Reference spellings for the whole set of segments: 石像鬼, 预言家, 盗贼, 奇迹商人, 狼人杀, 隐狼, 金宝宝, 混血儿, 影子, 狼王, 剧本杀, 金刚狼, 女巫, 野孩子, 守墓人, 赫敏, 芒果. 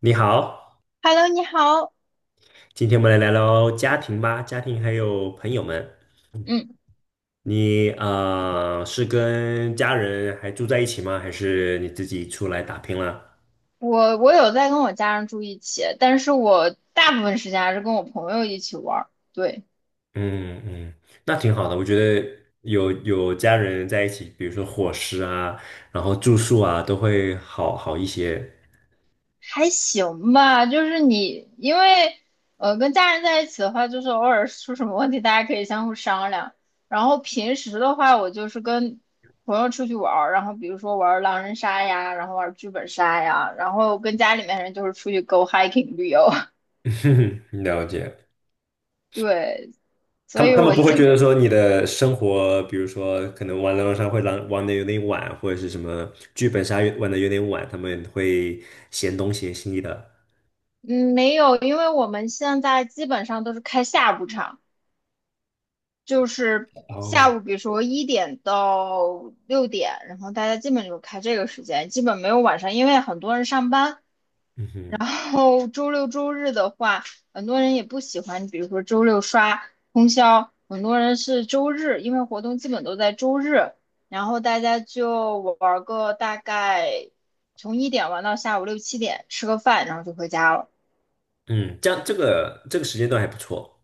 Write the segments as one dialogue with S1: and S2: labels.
S1: 你好，
S2: Hello，你好。
S1: 今天我们来聊聊家庭吧，家庭还有朋友们。
S2: 嗯，
S1: 你是跟家人还住在一起吗？还是你自己出来打拼了？
S2: 我有在跟我家人住一起，但是我大部分时间还是跟我朋友一起玩儿。对，
S1: 嗯嗯，那挺好的。我觉得有家人在一起，比如说伙食啊，然后住宿啊，都会好一些。
S2: 还行吧。就是你，因为跟家人在一起的话，就是偶尔出什么问题，大家可以相互商量。然后平时的话，我就是跟朋友出去玩儿，然后比如说玩儿狼人杀呀，然后玩儿剧本杀呀，然后跟家里面人就是出去 go hiking 旅游。
S1: 了解。
S2: 对，
S1: 他
S2: 所
S1: 们
S2: 以
S1: 他们
S2: 我
S1: 不会觉
S2: 基
S1: 得说你的生活，比如说可能玩狼人杀会玩的有点晚，或者是什么剧本杀玩的有点晚，他们会嫌东嫌西的。
S2: 嗯，没有，因为我们现在基本上都是开下午场，就是下
S1: 哦，
S2: 午，比如说1点到6点，然后大家基本就开这个时间，基本没有晚上，因为很多人上班。
S1: 嗯哼，
S2: 然后周六周日的话，很多人也不喜欢，比如说周六刷通宵，很多人是周日，因为活动基本都在周日，然后大家就玩个大概从一点玩到下午六七点，吃个饭，然后就回家了。
S1: 嗯，这样这个时间段还不错。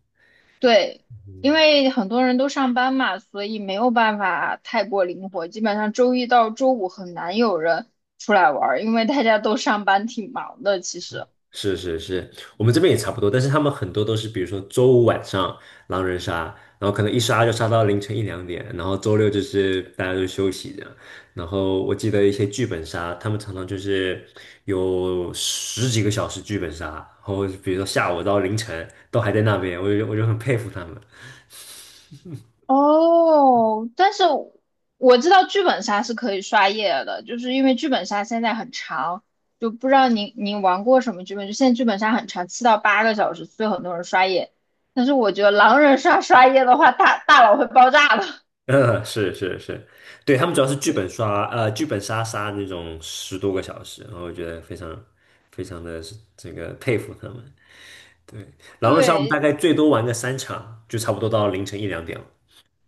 S2: 对，因为很多人都上班嘛，所以没有办法太过灵活。基本上周一到周五很难有人出来玩儿，因为大家都上班挺忙的。其实，
S1: 是是是，我们这边也差不多，但是他们很多都是，比如说周五晚上狼人杀，然后可能一杀就杀到凌晨一两点，然后周六就是大家都休息这样。然后我记得一些剧本杀，他们常常就是有十几个小时剧本杀，然后比如说下午到凌晨都还在那边，我就很佩服他们。
S2: 哦，但是我知道剧本杀是可以刷夜的，就是因为剧本杀现在很长，就不知道您您玩过什么剧本，就现在剧本杀很长，7到8个小时，所以很多人刷夜。但是我觉得狼人杀刷夜的话，大脑会爆炸的。
S1: 嗯，是是是，对，他们主要是剧本杀那种十多个小时，然后我觉得非常非常的这个佩服他们。狼人杀我们大
S2: 对，
S1: 概最多玩个三场，就差不多到凌晨一两点了。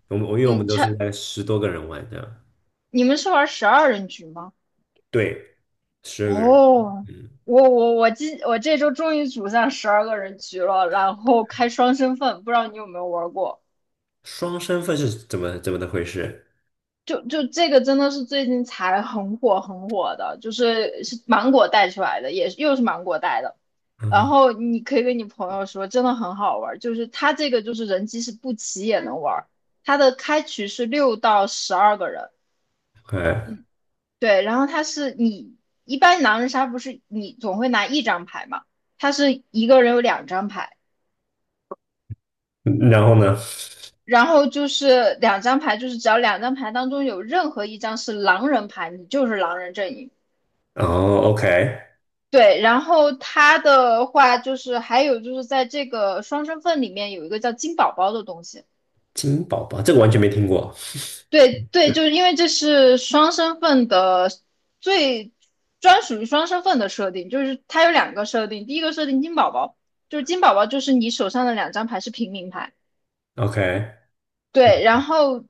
S1: 我们我因为我们
S2: 嗯，
S1: 都是
S2: 差
S1: 在十多个人玩的，
S2: 你们是玩十二人局吗？
S1: 对，十二个人。
S2: 哦，
S1: 嗯，
S2: 我这周终于组上12个人局了，然后开双身份，不知道你有没有玩过？
S1: 双身份是怎么的回事？
S2: 就这个真的是最近才很火很火的，就是芒果带出来的，也是又是芒果带的。然
S1: 嗯
S2: 后你可以跟你朋友说，真的很好玩儿就是它这个就是人机是不齐也能玩儿，它的开局是6到12个人，
S1: ，OK，
S2: 对，然后它是你一般狼人杀不是你总会拿一张牌嘛，它是一个人有两张牌，
S1: 嗯然后呢？
S2: 然后就是两张牌，就是只要两张牌当中有任何一张是狼人牌，你就是狼人阵营。
S1: 哦，OK，
S2: 对，然后它的话就是还有就是在这个双身份里面有一个叫金宝宝的东西。
S1: 金宝宝这个完全没听过。
S2: 对对，就是因为这是双身份的最专属于双身份的设定，就是它有两个设定，第一个设定金宝宝，就是金宝宝就是你手上的两张牌是平民牌。对，
S1: OK，OK，
S2: 然后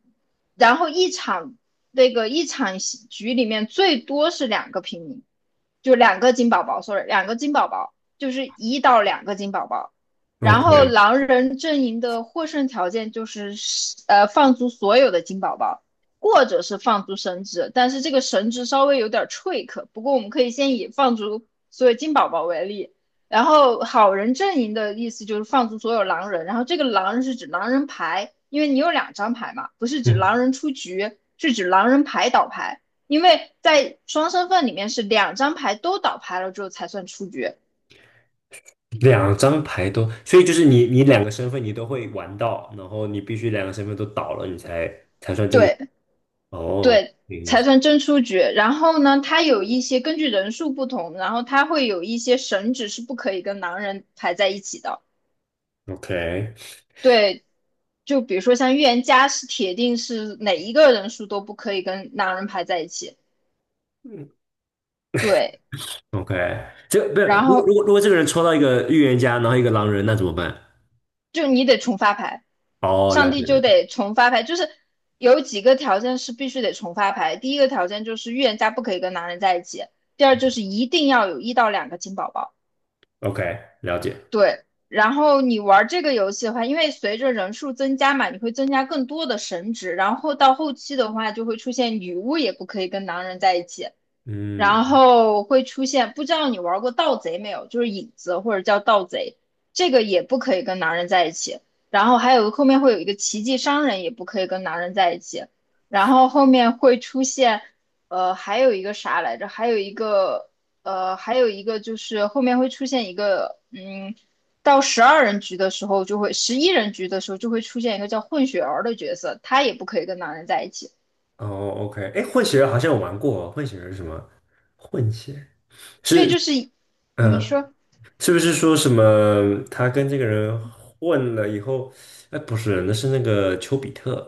S2: 然后一场戏局里面最多是两个平民，就两个金宝宝，sorry，两个金宝宝，就是一到两个金宝宝。然后狼人阵营的获胜条件就是放逐所有的金宝宝，或者是放逐神职，但是这个神职稍微有点 trick，不过我们可以先以放逐所有金宝宝为例。然后好人阵营的意思就是放逐所有狼人，然后这个狼人是指狼人牌，因为你有两张牌嘛，不是指
S1: 嗯，
S2: 狼人出局，是指狼人牌倒牌，因为在双身份里面是两张牌都倒牌了之后才算出局，
S1: 两张牌都，所以就是你两个身份你都会玩到，然后你必须两个身份都倒了，你才
S2: 对
S1: 哦，
S2: 对，
S1: 有意
S2: 才
S1: 思。
S2: 算真出局。然后呢，它有一些根据人数不同，然后它会有一些神职是不可以跟狼人排在一起的，
S1: OK。
S2: 对。就比如说像预言家是铁定是哪一个人数都不可以跟狼人排在一起，
S1: 嗯。
S2: 对，
S1: OK，这不是
S2: 然
S1: 如果如
S2: 后
S1: 果如果这个人抽到一个预言家，然后一个狼人，那怎么办？
S2: 就你得重发牌，
S1: 哦，
S2: 上
S1: 了
S2: 帝
S1: 解
S2: 就
S1: 了
S2: 得重发牌，就是有几个条件是必须得重发牌。第一个条件就是预言家不可以跟男人在一起，第二就是一定要有一到两个金宝宝。
S1: ，OK，了解，
S2: 对，然后你玩这个游戏的话，因为随着人数增加嘛，你会增加更多的神职，然后到后期的话就会出现女巫也不可以跟男人在一起，然
S1: 嗯，
S2: 后会出现，不知道你玩过盗贼没有？就是影子或者叫盗贼，这个也不可以跟男人在一起。然后还有后面会有一个奇迹商人，也不可以跟男人在一起。然后后面会出现，还有一个啥来着？还有一个，还有一个就是后面会出现一个，到十二人局的时候就会，11人局的时候就会出现一个叫混血儿的角色，他也不可以跟男人在一起。
S1: 哦，OK，哎，混血儿好像有玩过哦，混血儿是什么？混血
S2: 对，
S1: 是，
S2: 就是你
S1: 嗯，
S2: 说。
S1: 是不是说什么他跟这个人混了以后？哎，不是，那是那个丘比特，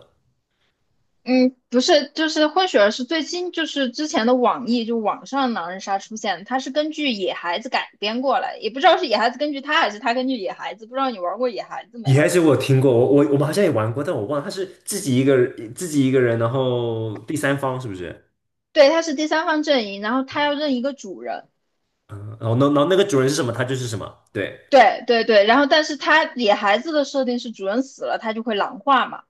S2: 嗯，不是，就是混血儿是最新，就是之前的网易就网上狼人杀出现的，它是根据野孩子改编过来，也不知道是野孩子根据他还是他根据野孩子，不知道你玩过野孩子没
S1: 也
S2: 有？
S1: 还是我有听过，我们好像也玩过，但我忘了，他是自己一个人，然后第三方是不是？
S2: 对，他是第三方阵营，然后他要认一个主人，
S1: 嗯，然后然后那个主人是什么，他就是什么，对。
S2: 对对对，然后但是他野孩子的设定是主人死了，他就会狼化嘛，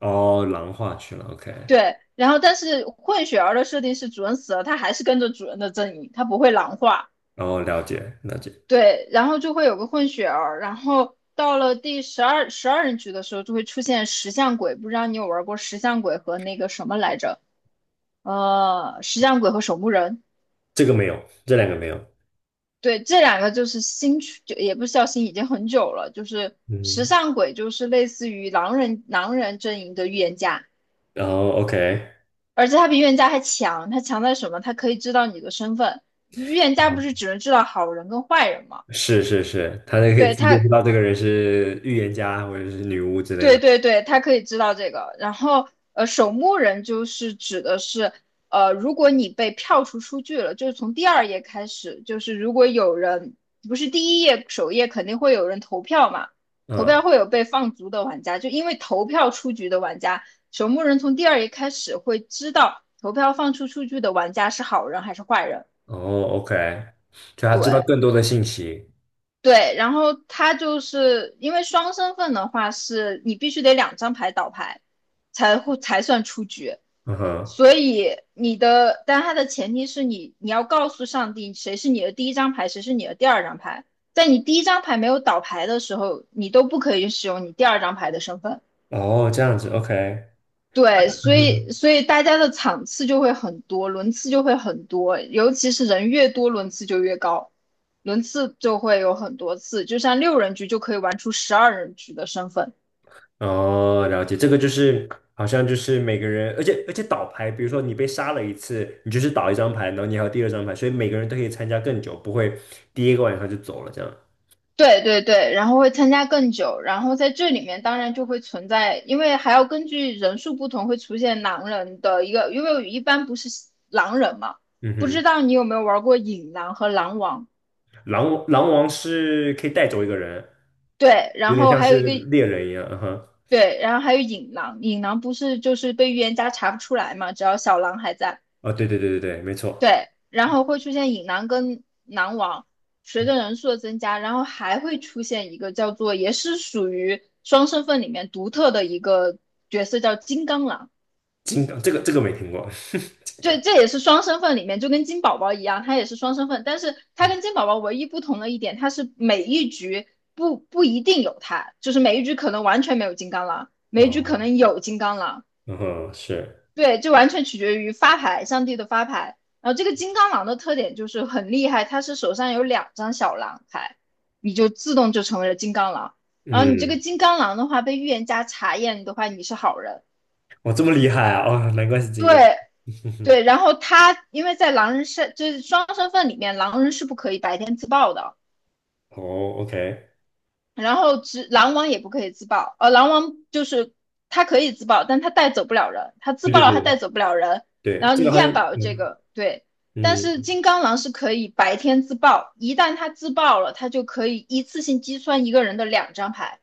S1: 哦，狼化去了，OK，
S2: 对，然后但是混血儿的设定是主人死了，他还是跟着主人的阵营，他不会狼化。
S1: 然后了解了解，
S2: 对，然后就会有个混血儿，然后到了第十二人局的时候，就会出现石像鬼。不知道你有玩过石像鬼和那个什么来着？石像鬼和守墓人。
S1: 这个没有，这两个没有，
S2: 对，这两个就是新区，就也不是叫新，已经很久了。就是石
S1: 嗯，
S2: 像鬼，就是类似于狼人阵营的预言家，
S1: 然后 OK，
S2: 而且他比预言家还强。他强在什么？他可以知道你的身份。预言家
S1: 好，
S2: 不是只能知道好人跟坏人吗？
S1: 是是是，他就可以
S2: 对，
S1: 直接知道这个人是预言家或者是女巫之类
S2: 对
S1: 的，
S2: 对对，他可以知道这个。然后，守墓人就是指的是，如果你被票出局了，就是从第二页开始，就是如果有人不是第一页首页肯定会有人投票嘛，投
S1: 嗯，
S2: 票会有被放逐的玩家，就因为投票出局的玩家，守墓人从第二页开始会知道投票放出去的玩家是好人还是坏人。
S1: 哦，OK，就他知道
S2: 对，
S1: 更多的信息，
S2: 对，然后他就是因为双身份的话，是你必须得两张牌倒牌，才算出局。
S1: 嗯哼，
S2: 所以你的，但它的前提是你要告诉上帝谁是你的第一张牌，谁是你的第二张牌。在你第一张牌没有倒牌的时候，你都不可以使用你第二张牌的身份。
S1: 哦，这样子，OK，
S2: 对，
S1: 嗯
S2: 所以
S1: 哼。
S2: 所以大家的场次就会很多，轮次就会很多，尤其是人越多，轮次就越高，轮次就会有很多次，就像6人局就可以玩出十二人局的身份。
S1: 哦，了解，这个就是好像就是每个人，而且倒牌，比如说你被杀了一次，你就是倒一张牌，然后你还有第二张牌，所以每个人都可以参加更久，不会第一个晚上就走了这样。
S2: 对对对，然后会参加更久，然后在这里面当然就会存在，因为还要根据人数不同会出现狼人的一个，因为一般不是狼人嘛，
S1: 嗯
S2: 不知
S1: 哼，
S2: 道你有没有玩过引狼和狼王？
S1: 狼狼王是可以带走一个人，
S2: 对，然
S1: 有点
S2: 后
S1: 像
S2: 还有一
S1: 是
S2: 个
S1: 猎人一样。嗯哼，
S2: 对，然后还有隐狼，隐狼不是就是被预言家查不出来嘛，只要小狼还在，
S1: 哦，对对对对对，没错。
S2: 对，然后会出现隐狼跟狼王，随
S1: 嗯
S2: 着人数的增加，然后还会出现一个叫做也是属于双身份里面独特的一个角色叫金刚狼，
S1: 金刚这个这个没听过，金刚。
S2: 对，这也是双身份里面就跟金宝宝一样，它也是双身份，但是它
S1: 嗯
S2: 跟金宝宝唯一不同的一点，它是每一局不一定有它，就是每一局可能完全没有金刚狼，每一局可
S1: 哦，
S2: 能有金刚狼。
S1: 嗯哼，是，
S2: 对，就完全取决于发牌，上帝的发牌。然后这个金刚狼的特点就是很厉害，他是手上有两张小狼牌，你就自动就成为了金刚狼。然后你这个
S1: 嗯，
S2: 金刚狼的话，被预言家查验的话，你是好人。
S1: 哇，这么厉害啊！哦，难怪是金刚。
S2: 对 对，然后他因为在狼人身，就是双身份里面，狼人是不可以白天自爆的。
S1: 哦，OK，
S2: 然后只狼王也不可以自爆，狼王就是他可以自爆，但他带走不了人，他自
S1: 对
S2: 爆
S1: 对
S2: 了他带
S1: 对
S2: 走不了人，然
S1: 对，
S2: 后
S1: 这
S2: 你
S1: 个
S2: 依
S1: 好像。
S2: 然保有这
S1: 嗯
S2: 个对，但是
S1: 嗯，
S2: 金刚狼是可以白天自爆，一旦他自爆了，他就可以一次性击穿一个人的两张牌。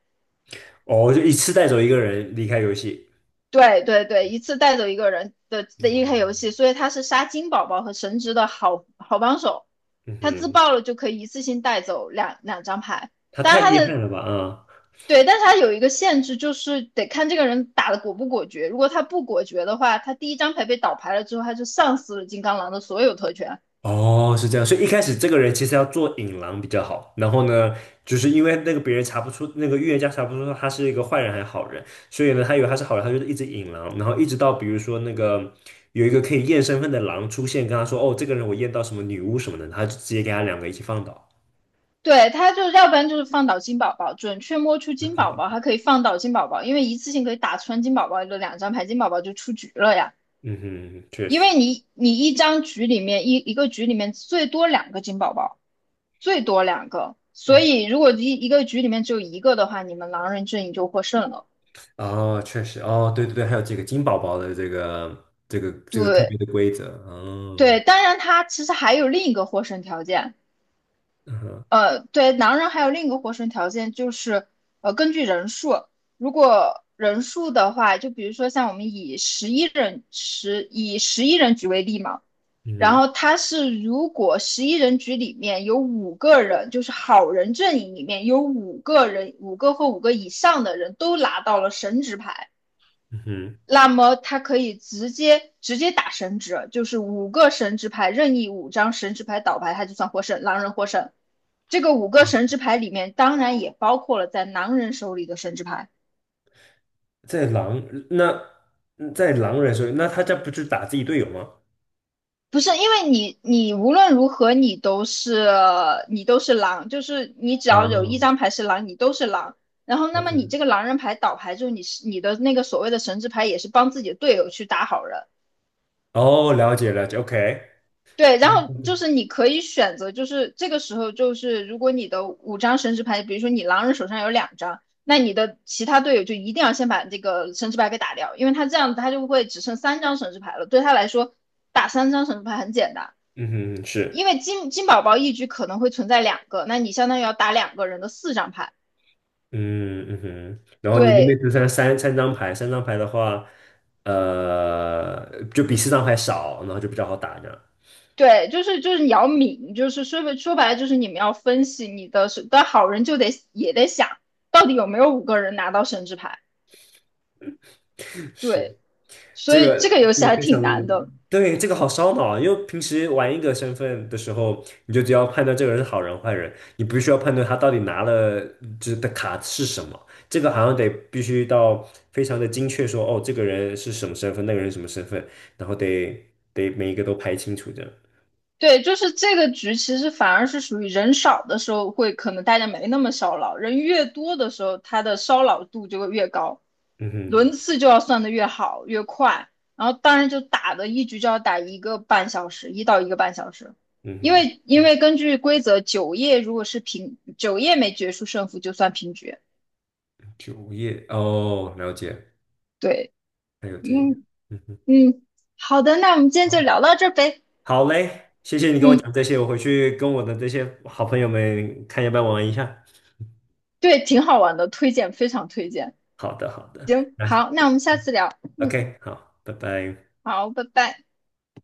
S1: 哦，就一次带走一个人离开游戏。
S2: 对对对，一次带走一个人的一开游
S1: 嗯
S2: 戏，所以他是杀金宝宝和神职的好好帮手。
S1: 嗯
S2: 他自
S1: 哼，
S2: 爆了就可以一次性带走两张牌，
S1: 他
S2: 当
S1: 太
S2: 然他
S1: 厉害
S2: 的
S1: 了吧？啊、
S2: 对，但是他有一个限制，就是得看这个人打的果不果决。如果他不果决的话，他第一张牌被倒牌了之后，他就丧失了金刚狼的所有特权。
S1: 哦，是这样，所以一开始这个人其实要做引狼比较好，然后呢，就是因为那个别人查不出，那个预言家查不出他是一个坏人还是好人，所以呢，他以为他是好人，他就是一直引狼，然后一直到比如说那个有一个可以验身份的狼出现，跟他说，哦，这个人我验到什么女巫什么的，他就直接给他两个一起放倒。
S2: 对，他就要不然就是放倒金宝宝，准确摸出金宝宝，还可以放倒金宝宝，因为一次性可以打穿金宝宝的两张牌，金宝宝就出局了呀。
S1: 嗯哼，确
S2: 因
S1: 实，
S2: 为你一张局里面一个局里面最多两个金宝宝，最多两个，所
S1: 嗯。
S2: 以如果一个局里面只有一个的话，你们狼人阵营就获胜了。
S1: 哦，确实，哦，对对对，还有这个金宝宝的这个特
S2: 对
S1: 别的规则，哦，
S2: 对，当然他其实还有另一个获胜条件，
S1: 嗯哼
S2: 对，狼人还有另一个获胜条件就是根据人数，如果人数的话，就比如说像我们以十一人局为例嘛。然
S1: 嗯
S2: 后他是如果十一人局里面有五个人，就是好人阵营里面有五个人，五个或五个以上的人都拿到了神职牌，
S1: 嗯哼，
S2: 那么他可以直接打神职，就是五个神职牌任意五张神职牌倒牌，他就算获胜，狼人获胜。这个五个神职牌里面当然也包括了在狼人手里的神职牌。
S1: 在狼那在狼人手里，那他这不就打自己队友吗？
S2: 不是，因为你无论如何你都是狼，就是你只
S1: 啊
S2: 要有一张牌是狼，你都是狼。然后，那么
S1: ，OK，
S2: 你这个狼人牌倒牌之后，你是你的那个所谓的神之牌也是帮自己的队友去打好人。
S1: 哦，了解了解，OK，
S2: 对，然后就是你可以选择，就是这个时候就是如果你的五张神之牌，比如说你狼人手上有两张，那你的其他队友就一定要先把这个神之牌给打掉，因为他这样他就会只剩三张神之牌了，对他来说打三张神之牌很简单。
S1: 嗯哼，是，
S2: 因为金宝宝一局可能会存在两个，那你相当于要打两个人的四张牌。
S1: 嗯嗯哼，然后你那边
S2: 对
S1: 只剩三张牌，三张牌的话，呃，就比四张牌少，然后就比较好打这样，
S2: 对，就是你要抿，就是说说白了就是你们要分析你的是，但好人就得也得想到底有没有五个人拿到神之牌。
S1: 是。
S2: 对，所
S1: 这
S2: 以
S1: 个
S2: 这个游
S1: 这
S2: 戏
S1: 个
S2: 还
S1: 非
S2: 挺
S1: 常
S2: 难的。
S1: 对，这个好烧脑啊！因为平时玩一个身份的时候，你就只要判断这个人是好人坏人，你不需要判断他到底拿了就是的卡是什么。这个好像得必须到非常的精确说，哦，这个人是什么身份，那个人是什么身份，然后得每一个都排清楚这样。
S2: 对，就是这个局，其实反而是属于人少的时候会可能大家没那么烧脑，人越多的时候，他的烧脑度就会越高，
S1: 嗯哼，
S2: 轮次就要算的越好越快，然后当然就打的一局就要打一个半小时，一到一个半小时，
S1: 嗯
S2: 因
S1: 哼，
S2: 为因为根据规则，九页如果是平，九页没决出胜负就算平局。
S1: 主页哦，了解，
S2: 对，
S1: 还有这个，
S2: 嗯
S1: 嗯哼，
S2: 嗯，好的，那我们今天就
S1: 好，
S2: 聊到这儿呗。
S1: 好嘞，谢谢你跟我
S2: 嗯，
S1: 讲这些，我回去跟我的这些好朋友们看要不要玩一下。
S2: 对，挺好玩的，推荐，非常推荐。
S1: 好的，好的，
S2: 行，
S1: 那
S2: 好，那我们下次聊。嗯。
S1: OK，好，拜拜。
S2: 好，拜拜。